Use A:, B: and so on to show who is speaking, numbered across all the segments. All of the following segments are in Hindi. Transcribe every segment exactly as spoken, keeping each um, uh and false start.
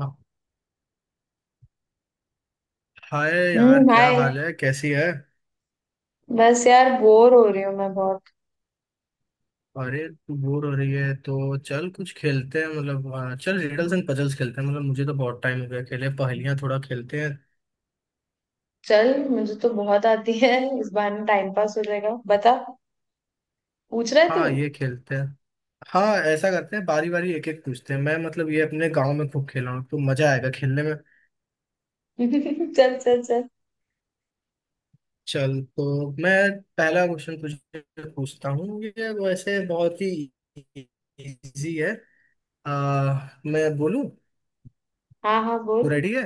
A: हाँ, हाय यार
B: हम्म,
A: क्या
B: हाय।
A: हाल है, कैसी है।
B: बस यार बोर हो रही हूँ मैं बहुत।
A: अरे तू बोर हो रही है तो चल कुछ खेलते हैं। मतलब हाँ, चल रिडल्स एंड पजल्स खेलते हैं। मतलब मुझे तो बहुत टाइम हो गया खेले पहेलियाँ, थोड़ा खेलते हैं।
B: चल, मुझे तो बहुत आती है। इस बहाने टाइम पास हो जाएगा, बता। पूछ रहा है तू?
A: हाँ ये खेलते हैं। हाँ ऐसा करते हैं, बारी बारी एक एक पूछते हैं। मैं मतलब ये अपने गांव में खूब खेला हूँ तो मजा आएगा खेलने में।
B: चल चल चल।
A: चल तो मैं पहला क्वेश्चन तुझे पूछता हूँ, ये वैसे बहुत ही इजी है। आ, मैं बोलूँ?
B: हाँ हाँ,
A: तू
B: बोल।
A: रेडी है?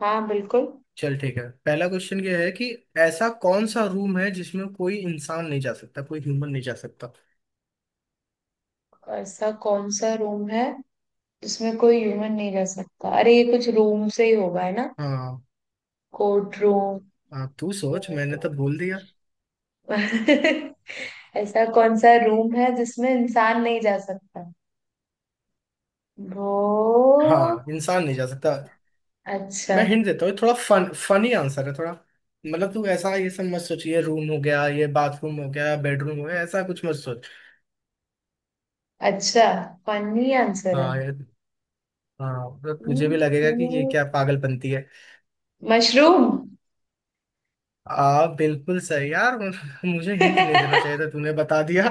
B: हाँ बिल्कुल।
A: चल ठीक है। पहला क्वेश्चन ये है कि ऐसा कौन सा रूम है जिसमें कोई इंसान नहीं जा सकता, कोई ह्यूमन नहीं जा सकता।
B: ऐसा कौन सा रूम है जिसमें कोई ह्यूमन नहीं रह सकता? अरे ये कुछ रूम से ही होगा, है ना।
A: हाँ।
B: Court room.
A: हाँ तू सोच, मैंने तो बोल दिया।
B: ऐसा कौन सा रूम है जिसमें इंसान नहीं जा सकता? वो,
A: हाँ इंसान नहीं जा सकता।
B: अच्छा।
A: मैं हिंट देता हूँ थोड़ा, फन फनी आंसर है थोड़ा। मतलब तू ऐसा ये सब मत सोच, ये रूम हो गया, ये बाथरूम हो गया, बेडरूम हो गया, ऐसा कुछ मत सोच।
B: अच्छा, फनी आंसर है।
A: हाँ ये- हाँ तो तुझे
B: हम्म,
A: भी लगेगा कि ये क्या पागलपंती है।
B: मशरूम।
A: आ बिल्कुल सही यार मुझे हिंट नहीं देना चाहिए था, तूने बता दिया।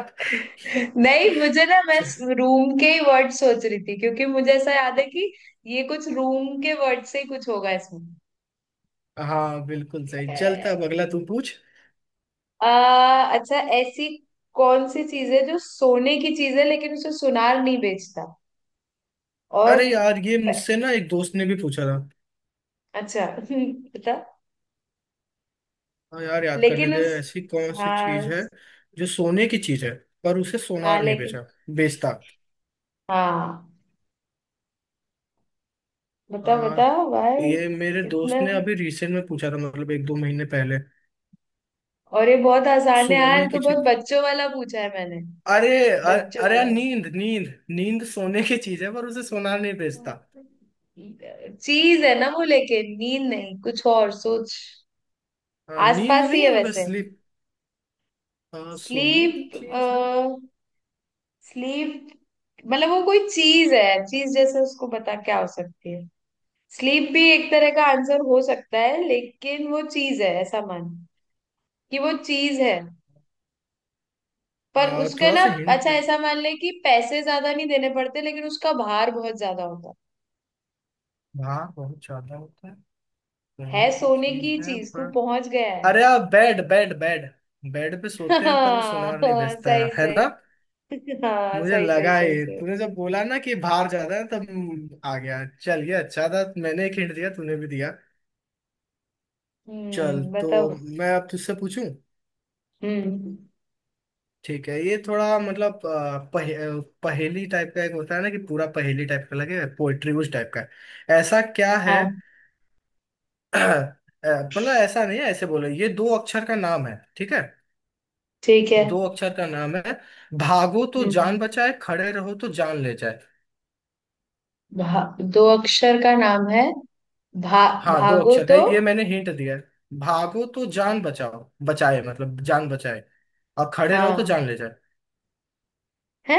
B: नहीं, मुझे ना, मैं रूम के ही वर्ड सोच रही थी क्योंकि मुझे ऐसा याद है कि ये कुछ रूम के वर्ड से ही कुछ होगा इसमें।
A: हाँ बिल्कुल सही चलता। अब अगला तू पूछ।
B: आ, अच्छा, ऐसी कौन सी चीज है जो सोने की चीज है लेकिन उसे सुनार नहीं बेचता? और।
A: अरे यार, ये मुझसे ना एक दोस्त ने भी पूछा था।
B: अच्छा बता।
A: हाँ यार, याद करने
B: लेकिन
A: दे।
B: उस,
A: ऐसी कौन सी चीज
B: हाँ
A: है जो सोने की चीज है पर उसे
B: हाँ,
A: सोनार नहीं
B: लेकिन।
A: बेचा बेचता।
B: हाँ, बता
A: आ,
B: बता भाई।
A: ये मेरे दोस्त
B: इतना।
A: ने अभी रिसेंट में पूछा था, मतलब एक दो महीने पहले।
B: और ये बहुत आसान है यार,
A: सोने
B: तो
A: की
B: बहुत
A: चीज।
B: बच्चों वाला पूछा है मैंने।
A: अरे अ-
B: बच्चों
A: अरे यार,
B: वाला।
A: नींद नींद नींद सोने की चीज है पर उसे सोनार नहीं बेचता।
B: चीज है ना वो, लेकिन नींद नहीं, कुछ और सोच।
A: आ, नींद
B: आसपास ही
A: नहीं है?
B: है
A: मतलब
B: वैसे।
A: स्लीप। आ, सोने की
B: स्लीप।
A: चीज है।
B: स्लीप। मतलब वो कोई चीज है, चीज। जैसे उसको बता क्या हो सकती है। स्लीप भी एक तरह का आंसर हो सकता है, लेकिन वो चीज है, ऐसा मान कि वो चीज है। पर
A: आ,
B: उसके
A: थोड़ा
B: ना।
A: सा
B: अच्छा,
A: हिंट।
B: ऐसा मान ले कि पैसे ज्यादा नहीं देने पड़ते लेकिन उसका भार बहुत ज्यादा होता है।
A: हाँ बहुत ज्यादा होता है।
B: है
A: सोने की
B: सोने
A: चीज
B: की
A: है।
B: चीज, तू पहुंच गया है।
A: अरे आप बेड बेड बेड, बेड पे
B: हाँ
A: सोते हैं पर वो सुनार नहीं
B: हाँ,
A: भेजता है
B: सही
A: है
B: सही।
A: ना।
B: हाँ,
A: मुझे
B: सही सही
A: लगा
B: सही
A: ही,
B: सही।
A: तूने जब बोला ना कि बाहर जाता है तब आ गया। चल ये अच्छा था, मैंने एक हिंट दिया, तूने भी दिया। चल
B: हम्म,
A: तो
B: बताओ।
A: मैं अब तुझसे पूछूं।
B: हम्म।
A: ठीक है, ये थोड़ा मतलब अ, पहे, अ, पहेली टाइप का एक होता है ना, कि पूरा पहेली टाइप का लगे, पोएट्री उस टाइप का है। ऐसा क्या है
B: हाँ,
A: अ, मतलब ऐसा नहीं है, ऐसे बोलो, ये दो अक्षर का नाम है, ठीक है।
B: ठीक है।
A: दो अक्षर का नाम है। भागो तो जान
B: हम्म।
A: बचाए, खड़े रहो तो जान ले जाए।
B: भा, दो अक्षर का नाम है। भा,
A: हाँ दो
B: भागो
A: अक्षर का है,
B: तो।
A: ये मैंने हिंट दिया है। भागो तो जान बचाओ बचाए मतलब जान बचाए। और खड़े रहो तो
B: हाँ।
A: जान ले जाए।
B: है।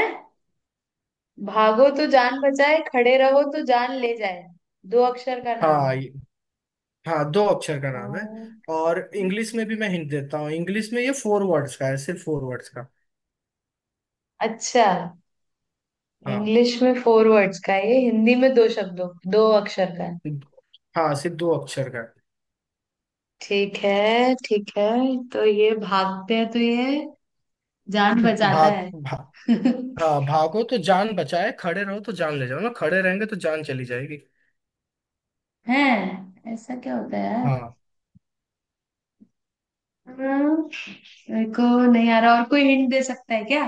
B: भागो तो जान बचाए, खड़े रहो तो जान ले जाए। दो अक्षर का नाम।
A: हाँ ये- हाँ दो अक्षर का नाम है।
B: भाग-
A: और इंग्लिश में भी मैं हिंट देता हूँ, इंग्लिश में ये फोर वर्ड्स का है, सिर्फ फोर वर्ड्स का।
B: अच्छा।
A: हाँ।
B: इंग्लिश में फोर वर्ड्स का है, ये हिंदी में दो शब्दों, दो अक्षर का।
A: हाँ सिर्फ दो अक्षर का है।
B: ठीक है ठीक है। तो ये भागते हैं तो ये जान बचाता
A: भाग
B: है।
A: भा, हाँ, भागो तो जान बचाए, खड़े रहो तो जान ले जाओ ना, खड़े रहेंगे तो जान चली जाएगी।
B: है, ऐसा क्या होता है यार।
A: हाँ।
B: हम्म, मेरे को नहीं आ रहा, और कोई हिंट दे सकता है क्या?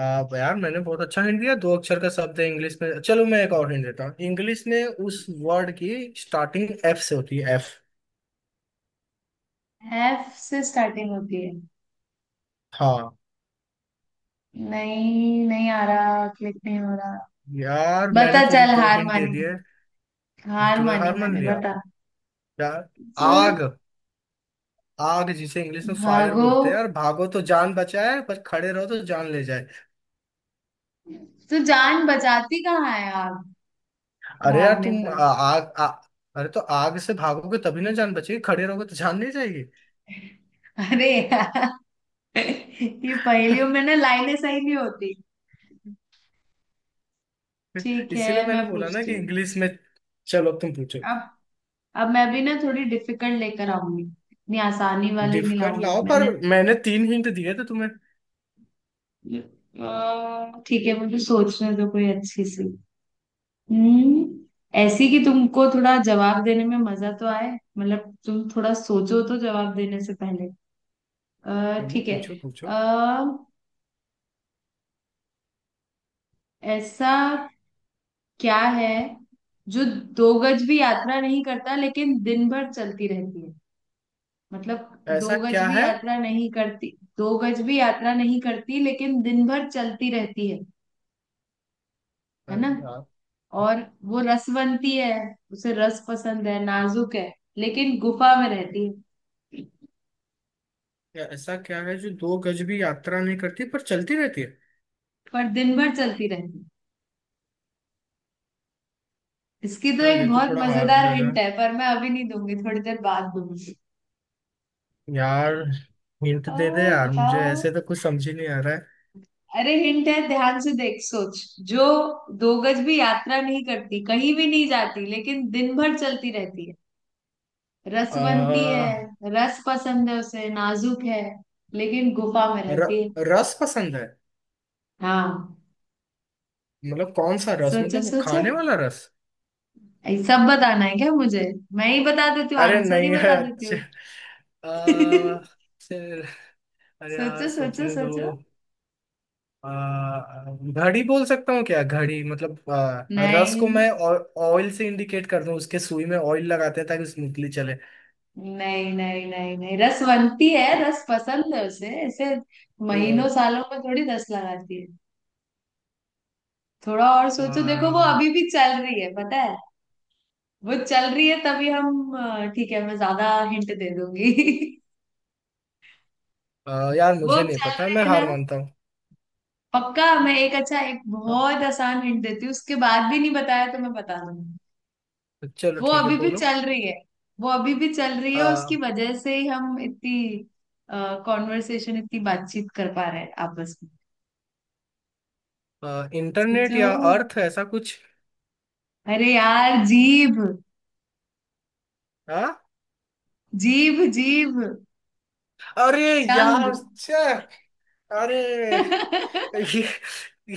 A: आप यार, मैंने बहुत अच्छा हिंट दिया, दो अक्षर का शब्द है, इंग्लिश में। चलो, मैं एक और हिंट देता हूँ, इंग्लिश में उस वर्ड की स्टार्टिंग एफ से होती है, एफ।
B: एफ से स्टार्टिंग होती है।
A: हाँ।
B: नहीं, नहीं आ रहा, क्लिक नहीं हो रहा।
A: यार मैंने
B: बता,
A: तुझे
B: चल
A: दो
B: हार
A: हिंट दे
B: मानी।
A: दिए।
B: हार
A: तूने
B: मानी
A: हार मान
B: मैंने,
A: लिया
B: बता।
A: यार।
B: सर।
A: आग। आग, जिसे इंग्लिश में फायर
B: भागो।
A: बोलते हैं यार। भागो तो जान बचाए, पर खड़े रहो तो जान ले जाए।
B: तू जान बचाती कहाँ है, आप?
A: अरे यार
B: भागने
A: तुम, आ,
B: पर।
A: आग आ, अरे तो आग से भागोगे तभी ना जान बचेगी, खड़े रहोगे तो जान नहीं जाएगी।
B: अरे यार। ये पहेलियों में ना लाइनें सही नहीं होती। ठीक है,
A: इसीलिए मैंने
B: मैं
A: बोला ना,
B: पूछती
A: कि
B: हूँ।
A: इंग्लिश में। चलो अब तुम पूछो।
B: अब अब मैं भी ना थोड़ी डिफिकल्ट लेकर आऊंगी, इतनी आसानी वाली नहीं
A: डिफिकल्ट
B: लाऊंगी
A: लाओ पर,
B: मैंने।
A: मैंने तीन हिंट दिए थे तुम्हें।
B: अ, ठीक है, मुझे सोचने दो कोई अच्छी सी। हम्म। ऐसी कि तुमको थोड़ा जवाब देने में मजा तो आए। मतलब तुम थोड़ा सोचो तो जवाब देने से पहले। अ,
A: चलो
B: ठीक है।
A: पूछो
B: अ,
A: पूछो।
B: ऐसा क्या है जो दो गज भी यात्रा नहीं करता लेकिन दिन भर चलती रहती है? मतलब दो
A: ऐसा
B: गज
A: क्या
B: भी
A: है?
B: यात्रा नहीं करती। दो गज भी यात्रा नहीं करती लेकिन दिन भर चलती रहती है है ना।
A: अरे यार,
B: और वो रसवंती है। उसे रस पसंद है, नाजुक है। लेकिन गुफा में रहती है।
A: या ऐसा क्या है जो दो गज भी यात्रा नहीं करती पर चलती रहती है?
B: पर दिन भर चलती रहती है। इसकी तो
A: हाँ,
B: एक
A: ये तो
B: बहुत
A: थोड़ा हार्ड
B: मजेदार
A: लग रहा
B: हिंट
A: है
B: है, पर मैं अभी नहीं दूंगी, थोड़ी देर बाद दूंगी।
A: यार। हिंट
B: आ,
A: दे दे यार, मुझे
B: बताओ।
A: ऐसे तो कुछ समझ ही नहीं आ रहा है।
B: अरे हिंट है, ध्यान से देख, सोच। जो दो गज भी यात्रा नहीं करती, कहीं भी नहीं जाती, लेकिन दिन भर चलती रहती है। रसवंती है।
A: आ,
B: रस पसंद है उसे, नाजुक है। लेकिन गुफा में
A: र,
B: रहती है।
A: रस पसंद है?
B: हाँ।
A: मतलब कौन सा रस,
B: सोचो
A: मतलब वो
B: सोचो।
A: खाने वाला रस?
B: ये सब बताना है क्या मुझे? मैं ही बता देती हूँ,
A: अरे
B: आंसर ही
A: नहीं है
B: बता देती
A: अच्छा।
B: हूँ।
A: आ, फिर- अरे यार
B: सोचो सोचो
A: सोचने
B: सोचो।
A: दो। आ, घड़ी बोल सकता हूँ क्या? घड़ी मतलब आ, रस को
B: नहीं
A: मैं ऑयल से इंडिकेट कर दूं, उसके सुई में ऑयल लगाते हैं ताकि स्मूथली चले।
B: नहीं नहीं नहीं नहीं, रसवंती है, रस पसंद है उसे, ऐसे महीनों सालों में थोड़ी रस लगाती है। थोड़ा और सोचो, देखो वो
A: आ,
B: अभी भी चल रही है, पता है। वो चल रही है तभी हम, अ, ठीक है, मैं ज्यादा हिंट दे दूंगी।
A: आ, यार
B: वो
A: मुझे नहीं
B: चल
A: पता,
B: रहे
A: मैं
B: हैं ना।
A: हार मानता हूँ।
B: पक्का, मैं एक अच्छा, एक
A: हाँ,
B: बहुत आसान हिंट देती हूँ, उसके बाद भी नहीं बताया तो मैं बता दूंगी।
A: चलो
B: वो
A: ठीक है,
B: अभी भी
A: बोलो।
B: चल रही है। वो अभी भी चल रही है, और
A: आ,
B: उसकी वजह से ही हम इतनी कॉन्वर्सेशन, इतनी बातचीत कर पा रहे हैं आपस में।
A: आ, इंटरनेट
B: सोचो।
A: या अर्थ, ऐसा कुछ?
B: अरे यार, जीभ।
A: हाँ।
B: जीभ जीभ।
A: अरे
B: टंग।
A: यार, छे! अरे, ये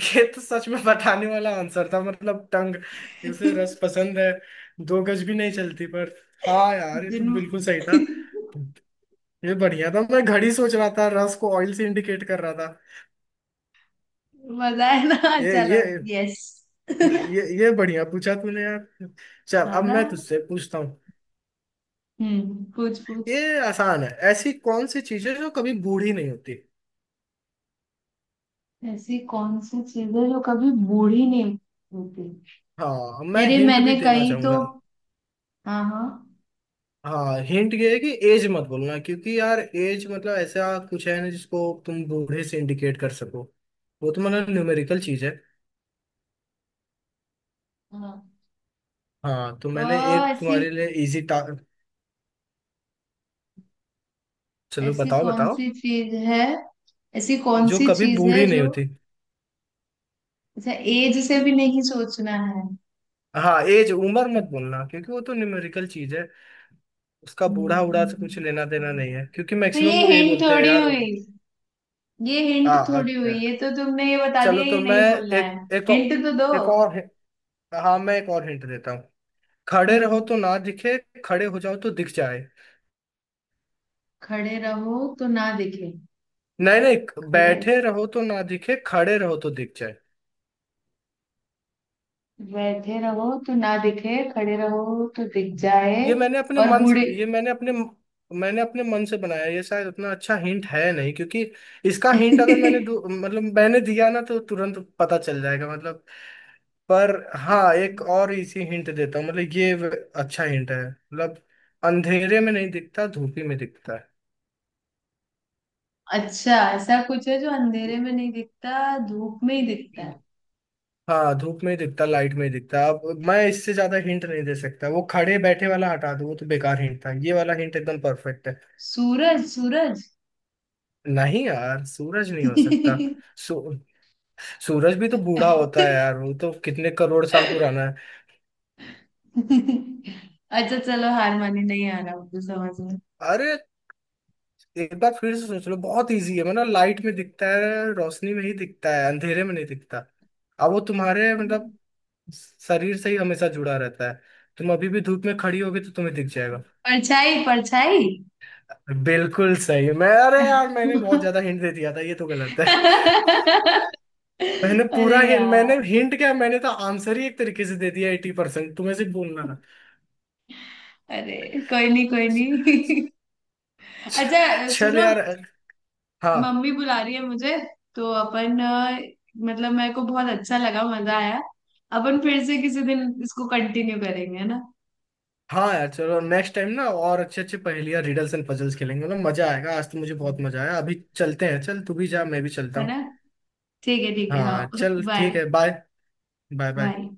A: ये तो सच में बताने वाला आंसर था, मतलब टंग। इसे रस पसंद है, दो गज भी नहीं चलती पर। हाँ यार, ये तो
B: दिन।
A: बिल्कुल सही था। ये बढ़िया था, मैं घड़ी सोच रहा था, रस को ऑयल से इंडिकेट कर रहा था।
B: मजा है ना।
A: ये
B: चलो।
A: ये
B: यस।
A: ये ये बढ़िया पूछा तूने यार। चल
B: हाँ
A: अब
B: ना।
A: मैं तुझसे पूछता हूँ।
B: हम्म पूछ पूछ।
A: ये आसान है, ऐसी कौन सी चीजें जो कभी बूढ़ी नहीं होती?
B: ऐसी कौन सी चीज है जो कभी बूढ़ी नहीं होती?
A: हाँ,
B: यार
A: मैं
B: ये
A: हिंट भी
B: मैंने
A: देना
B: कहीं तो।
A: चाहूंगा।
B: हाँ हाँ।
A: हाँ, हिंट ये है कि एज मत बोलना, क्योंकि यार एज मतलब ऐसा कुछ है ना जिसको तुम बूढ़े से इंडिकेट कर सको, वो तो मतलब न्यूमेरिकल चीज है।
B: हाँ।
A: हाँ, तो
B: अ,
A: मैंने एक
B: ऐसी।
A: तुम्हारे लिए इजी टा चलो
B: ऐसी
A: बताओ
B: कौन
A: बताओ।
B: सी चीज है? ऐसी कौन
A: जो
B: सी
A: कभी
B: चीज है
A: बूढ़ी नहीं
B: जो?
A: होती।
B: अच्छा, एज से भी नहीं सोचना है।
A: हाँ, एज उम्र मत बोलना, क्योंकि वो तो न्यूमेरिकल चीज है, उसका बूढ़ा उड़ा से
B: हम्म।
A: कुछ लेना देना नहीं है, क्योंकि
B: तो
A: मैक्सिमम
B: ये
A: लोग यही
B: हिंट
A: बोलते हैं
B: थोड़ी
A: यार।
B: हुई। ये
A: आ,
B: हिंट
A: आ,
B: थोड़ी हुई, ये तो तुमने ये बता
A: चलो
B: दिया
A: तो
B: ये
A: मैं
B: नहीं बोलना है।
A: एक एक
B: हिंट तो दो।
A: और- एक और हि- हाँ, मैं एक और हिंट देता हूँ। खड़े रहो
B: हम्म।
A: तो ना दिखे, खड़े हो जाओ तो दिख जाए।
B: खड़े रहो तो ना दिखे।
A: नहीं नहीं,
B: खड़े,
A: बैठे रहो तो ना दिखे, खड़े रहो तो दिख जाए।
B: बैठे रहो तो ना दिखे, खड़े रहो तो दिख जाए।
A: ये मैंने अपने
B: और
A: मन से
B: बूढ़े।
A: ये मैंने अपने मैंने अपने मन से बनाया, ये शायद उतना अच्छा हिंट है नहीं, क्योंकि इसका हिंट अगर मैंने दो- मतलब मैंने दिया ना तो तुरंत पता चल जाएगा, मतलब। पर हाँ, एक और
B: अच्छा।
A: इसी हिंट देता हूँ, मतलब ये व- अच्छा हिंट है, मतलब अंधेरे में नहीं दिखता, धूप ही में दिखता
B: अच्छा, ऐसा कुछ है जो अंधेरे में नहीं दिखता, धूप में ही दिखता
A: है।
B: है।
A: हाँ, धूप में ही दिखता, लाइट में ही दिखता। अब मैं इससे ज्यादा हिंट नहीं दे सकता। वो खड़े बैठे वाला हटा दो, वो तो बेकार हिंट था, ये वाला हिंट एकदम परफेक्ट है।
B: सूरज सूरज।
A: नहीं यार, सूरज नहीं हो सकता। सू, सूरज भी तो बूढ़ा होता है यार, वो तो कितने करोड़ साल पुराना है।
B: अच्छा, चलो हार मानी, नहीं आ रहा मुझे समझ में।
A: अरे, एक बार फिर से सोच लो, बहुत इजी है, मतलब लाइट में दिखता है, रोशनी में ही दिखता है, अंधेरे में नहीं दिखता। अब वो तुम्हारे मतलब शरीर से ही हमेशा जुड़ा रहता है, तुम अभी भी धूप में खड़ी होगी तो तुम्हें दिख जाएगा।
B: परछाई परछाई।
A: बिल्कुल सही। मैं अरे यार, मैंने बहुत ज्यादा हिंट दे दिया था, ये तो गलत है मैंने
B: अरे
A: पूरा हिंट,
B: यार।
A: मैंने हिंट क्या, मैंने तो आंसर ही एक तरीके से दे दिया, एटी परसेंट तुम्हें सिर्फ बोलना था।
B: अरे कोई नहीं, कोई नहीं। अच्छा। अ,
A: चल
B: सुनो।
A: यार। हाँ।
B: मम्मी बुला रही है मुझे। तो अपन, अ, मतलब मेरे को बहुत अच्छा लगा, मजा आया। अपन फिर से किसी दिन इसको कंटिन्यू करेंगे, है ना।
A: हाँ यार, चलो नेक्स्ट टाइम ना और अच्छे अच्छे पहेलियां रिडल्स एंड पजल्स खेलेंगे ना, मजा आएगा। आज तो मुझे बहुत
B: हम्म।
A: मजा आया, अभी चलते हैं, चल तू भी जा, मैं भी चलता
B: है
A: हूँ।
B: ना। ठीक है ठीक है,
A: हाँ
B: हाँ।
A: चल
B: बाय।
A: ठीक है बाय। Bye bye.
B: बाय।